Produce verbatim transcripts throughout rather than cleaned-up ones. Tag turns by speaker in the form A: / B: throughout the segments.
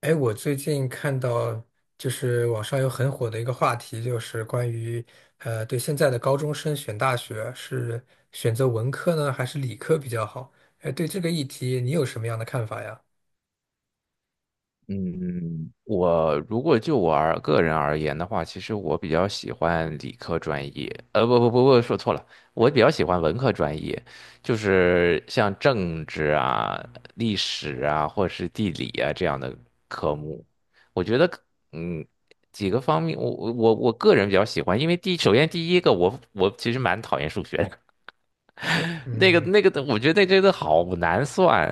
A: 哎，我最近看到，就是网上有很火的一个话题，就是关于，呃，对现在的高中生选大学是选择文科呢，还是理科比较好？哎，对这个议题，你有什么样的看法呀？
B: 嗯，我如果就我而个人而言的话，其实我比较喜欢理科专业，呃，不不不不，说错了，我比较喜欢文科专业，就是像政治啊、历史啊，或者是地理啊这样的科目，我觉得，嗯，几个方面，我我我我个人比较喜欢，因为第首先第一个，我我其实蛮讨厌数学的，那个
A: 嗯，
B: 那个，我觉得那真的好难算。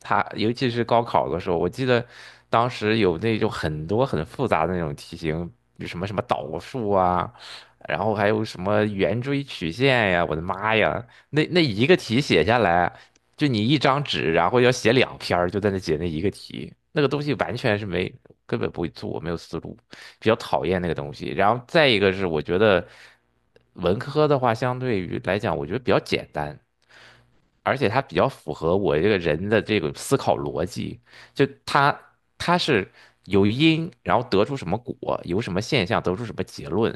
B: 它尤其是高考的时候，我记得当时有那种很多很复杂的那种题型，比什么什么导数啊，然后还有什么圆锥曲线呀，我的妈呀，那那一个题写下来，就你一张纸，然后要写两篇儿就在那解那一个题，那个东西完全是没，根本不会做，没有思路。比较讨厌那个东西。然后再一个是，我觉得文科的话，相对于来讲，我觉得比较简单，而且它比较符合我这个人的这个思考逻辑。就它它是有因，然后得出什么果，有什么现象，得出什么结论。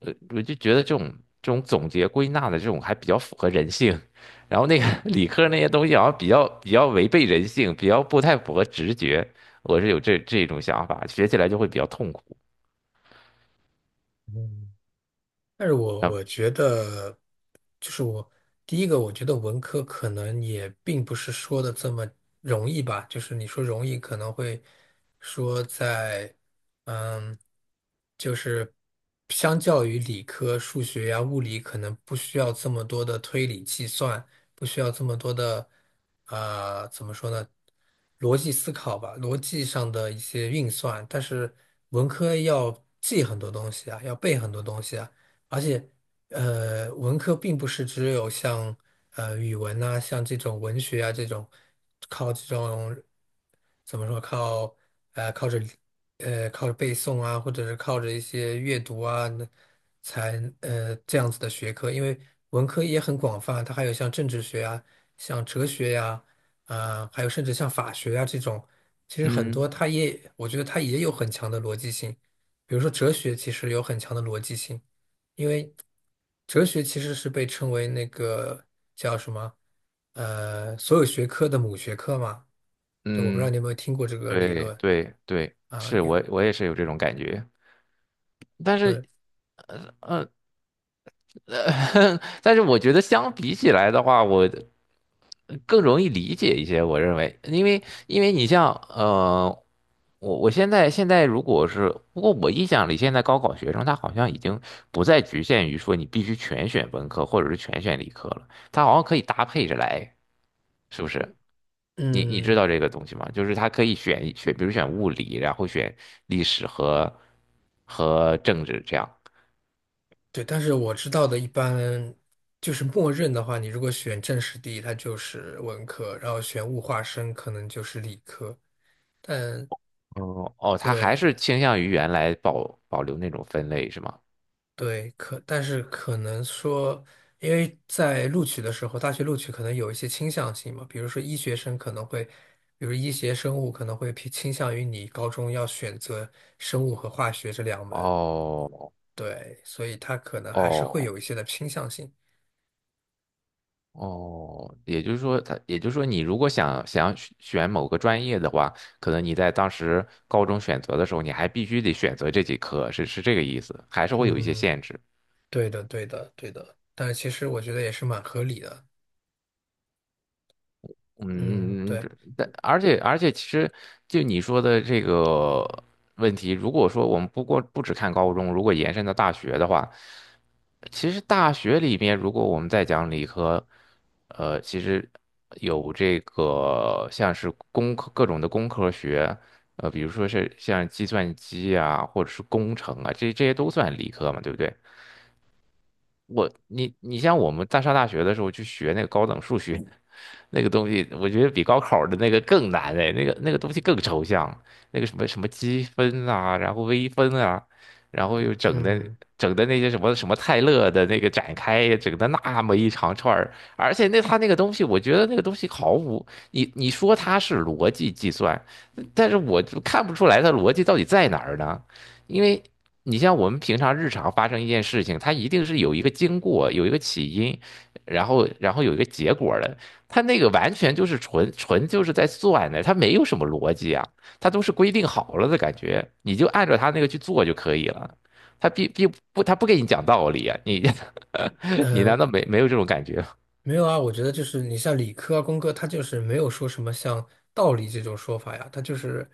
B: 呃，我就觉得这种这种总结归纳的这种还比较符合人性。然后那个 理科那些东西好像比较比较违背人性，比较不太符合直觉。我是有这这种想法，学起来就会比较痛苦。
A: 但是我
B: 啊，
A: 我觉得，就是我第一个，我觉得文科可能也并不是说的这么容易吧。就是你说容易，可能会说在，嗯，就是相较于理科，数学呀、物理，可能不需要这么多的推理计算，不需要这么多的，呃，怎么说呢？逻辑思考吧，逻辑上的一些运算。但是文科要记很多东西啊，要背很多东西啊。而且，呃，文科并不是只有像呃语文呐、像这种文学啊这种，靠这种怎么说靠呃靠着呃靠着背诵啊，或者是靠着一些阅读啊，那才呃这样子的学科，因为文科也很广泛，它还有像政治学啊、像哲学呀、啊，还有甚至像法学啊这种，其实很
B: 嗯。
A: 多它也我觉得它也有很强的逻辑性，比如说哲学其实有很强的逻辑性。哲学其实是被称为那个叫什么，呃，所有学科的母学科嘛。就我不知道你
B: 嗯，
A: 有没有听过这个理
B: 对
A: 论
B: 对对，
A: 啊？
B: 是
A: 有，
B: 我我也是有这种感觉，但是呃，但是我觉得相比起来的话，我更容易理解一些。我认为，因为因为你像呃，我我现在现在如果是，不过我印象里现在高考学生他好像已经不再局限于说你必须全选文科或者是全选理科了，他好像可以搭配着来，是不是？你你知
A: 嗯，
B: 道这个东西吗？就是他可以选选，比如选物理，然后选历史和和政治这样。
A: 对。但是我知道的，一般就是默认的话，你如果选政史地，它就是文科；然后选物化生，可能就是理科。但
B: 哦哦，他还是
A: 对。
B: 倾向于原来保保留那种分类是吗？
A: 对，可但是可能说，因为在录取的时候，大学录取可能有一些倾向性嘛，比如说医学生可能会，比如医学生物可能会偏倾向于你高中要选择生物和化学这两门，
B: 哦
A: 对，所以它可能还是会
B: 哦
A: 有一些的倾向性。
B: 哦，也就是说他，也就是说，你如果想想选选某个专业的话，可能你在当时高中选择的时候，你还必须得选择这几科，是是这个意思，还是会有一些
A: 嗯，
B: 限制。
A: 对的，对的，对的，但是其实我觉得也是蛮合理的。嗯，
B: 嗯，
A: 对，
B: 这但而且而且，其实就你说的这个问题，如果说我们不过不只看高中，如果延伸到大学的话，其实大学里面，如果我们再讲理科，呃，其实有这个像是工科各种的工科学，呃，比如说是像计算机啊，或者是工程啊，这这些都算理科嘛，对不对？我你你像我们在上大学的时候去学那个高等数学，那个东西，我觉得比高考的那个更难哎，那个那个东西更抽象，那个什么什么积分啊，然后微分啊，然后又整的
A: 嗯，
B: 整的那些什么什么泰勒的那个展开，整的那么一长串儿，而且那他那个东西，我觉得那个东西毫无你你说它是逻辑计算，但是我就看不出来它逻辑到底在哪儿呢，因为。你像我们平常日常发生一件事情，它一定是有一个经过，有一个起因，然后然后有一个结果的。他那个完全就是纯纯就是在算的，他没有什么逻辑啊，他都是规定好了的感觉，你就按照他那个去做就可以了。他并并不，他不给你讲道理啊，你 你
A: 呃。
B: 难道没没有这种感觉吗？
A: 没有啊，我觉得就是你像理科啊、工科，它就是没有说什么像道理这种说法呀，它就是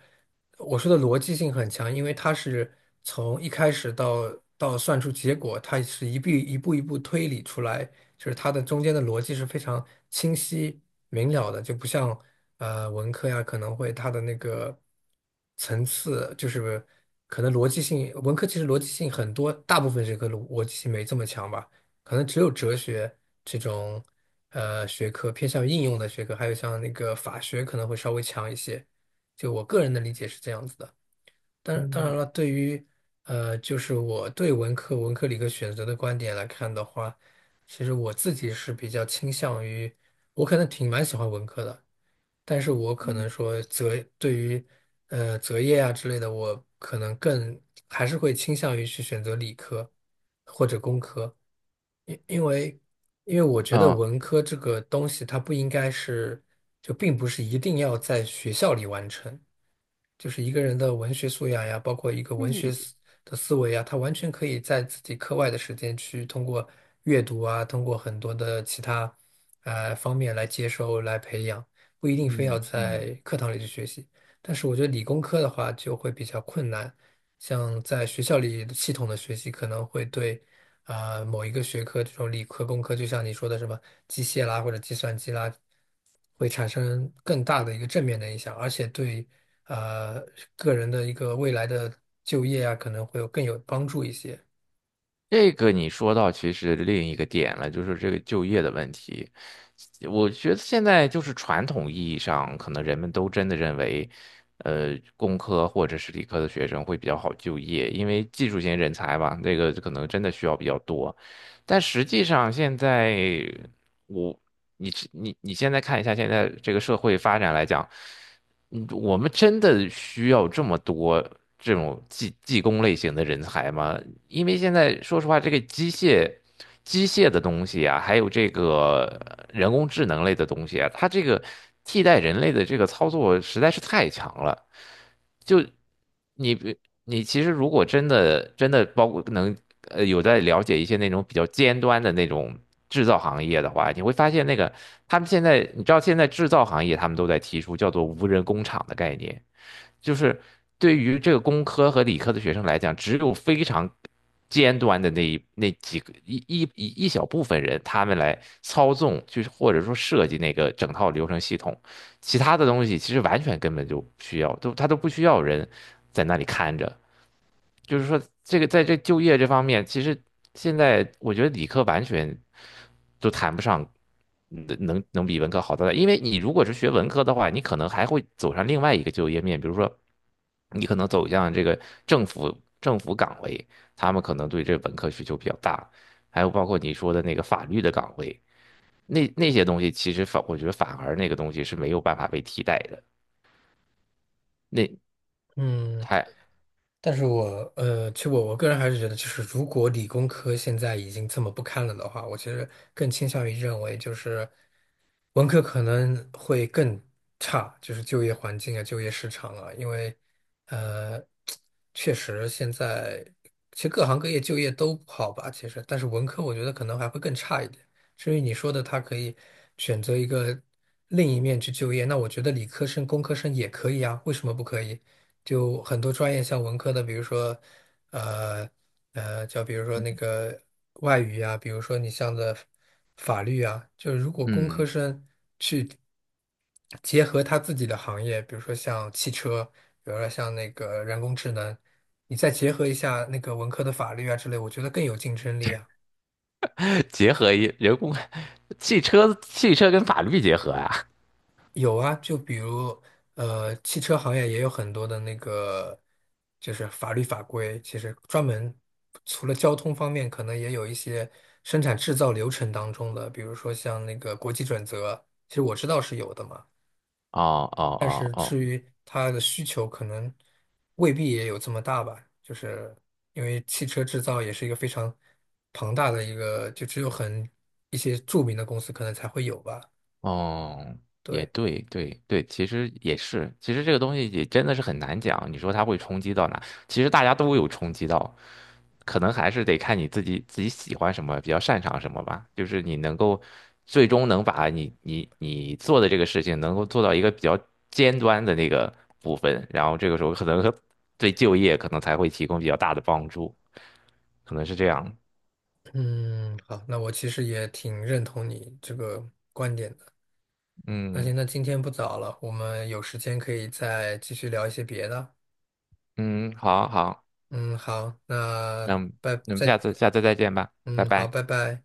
A: 我说的逻辑性很强，因为它是从一开始到到算出结果，它是一步一步一步推理出来，就是它的中间的逻辑是非常清晰明了的，就不像呃文科呀，可能会它的那个层次就是可能逻辑性，文科其实逻辑性很多，大部分学科逻逻辑性没这么强吧。可能只有哲学这种呃学科偏向于应用的学科，还有像那个法学可能会稍微强一些。就我个人的理解是这样子的。当当
B: 嗯
A: 然了，对于呃，就是我对文科、文科、理科选择的观点来看的话，其实我自己是比较倾向于，我可能挺蛮喜欢文科的，但是我可
B: 嗯
A: 能说择对于呃择业啊之类的，我可能更还是会倾向于去选择理科或者工科，因因为因为我觉得
B: 嗯，
A: 文科这个东西它不应该是，就并不是一定要在学校里完成。就是一个人的文学素养呀，包括一个
B: 这
A: 文学
B: 个
A: 思的思维呀，他完全可以在自己课外的时间去通过阅读啊，通过很多的其他呃方面来接收、来培养，不一定非要
B: 嗯
A: 在
B: 嗯，
A: 课堂里去学习。但是我觉得理工科的话就会比较困难，像在学校里系统的学习可能会对啊，某一个学科，这种理科、工科，就像你说的什么机械啦或者计算机啦，会产生更大的一个正面的影响，而且对啊，个人的一个未来的就业啊，可能会有更有帮助一些。
B: 这个你说到其实另一个点了，就是这个就业的问题。我觉得现在就是传统意义上，可能人们都真的认为，呃，工科或者是理科的学生会比较好就业，因为技术型人才吧，那个可能真的需要比较多。但实际上现在我你你你现在看一下现在这个社会发展来讲，嗯，我们真的需要这么多这种技技工类型的人才吗？因为现在说实话，这个机械、机械的东西啊，还有这个呃人工智能类的东西啊，它这个替代人类的这个操作实在是太强了。就你比你其实如果真的真的包括能呃有在了解一些那种比较尖端的那种制造行业的话，你会发现那个他们现在你知道现在制造行业他们都在提出叫做无人工厂的概念。就是对于这个工科和理科的学生来讲，只有非常尖端的那一那几个一一一一小部分人，他们来操纵，就是或者说设计那个整套流程系统，其他的东西其实完全根本就不需要，都他都不需要人在那里看着。就是说，这个在这就业这方面，其实现在我觉得理科完全都谈不上。能能能比文科好到哪？因为你如果是学文科的话，你可能还会走上另外一个就业面，比如说你可能走向这个政府政府岗位，他们可能对这本科需求比较大，还有包括你说的那个法律的岗位，那那些东西其实反我觉得反而那个东西是没有办法被替代的，那
A: 嗯，
B: 还
A: 但是我呃，其实我我个人还是觉得，就是如果理工科现在已经这么不堪了的话，我其实更倾向于认为，就是文科可能会更差，就是就业环境啊、就业市场啊，因为呃，确实现在其实各行各业就业都不好吧，其实，但是文科我觉得可能还会更差一点。至于你说的，他可以选择一个另一面去就业，那我觉得理科生、工科生也可以啊，为什么不可以？就很多专业，像文科的，比如说，呃呃，叫比如说那个外语啊，比如说你像的法律啊，就是如果工科
B: 嗯，
A: 生结合他自己的行业，比如说像汽车，比如说像那个人工智能，你再结合一下那个文科的法律啊之类，我觉得更有竞争力啊。
B: 结合一人工汽车汽车跟法律结合啊，
A: 有啊，就比如呃，汽车行业也有很多的那个，就是法律法规，其实专门除了交通方面，可能也有一些生产制造流程当中的，比如说像那个国际准则，其实我知道是有的嘛，
B: 哦哦哦哦。
A: 它的需求可能未必也有这么大吧，就是因为汽车制造也是一个非常庞大的一个，就只有很一些著名的公司可能才会有吧，
B: 哦，也
A: 对。
B: 对，对对，其实也是，其实这个东西也真的是很难讲。你说它会冲击到哪？其实大家都有冲击到，可能还是得看你自己自己喜欢什么，比较擅长什么吧。就是你能够最终能把你你你做的这个事情能够做到一个比较尖端的那个部分，然后这个时候可能和对就业可能才会提供比较大的帮助，可能是这样。
A: 嗯，好，那我其实也挺认同你这个观点的。那
B: 嗯
A: 行，那今天不早了，我们有时间可以再继续聊一些别的。
B: 嗯，好好，
A: 嗯，好，那
B: 那我们
A: 拜，
B: 那我们
A: 再，
B: 下次下次再见吧，拜
A: 嗯，好，
B: 拜。
A: 拜拜。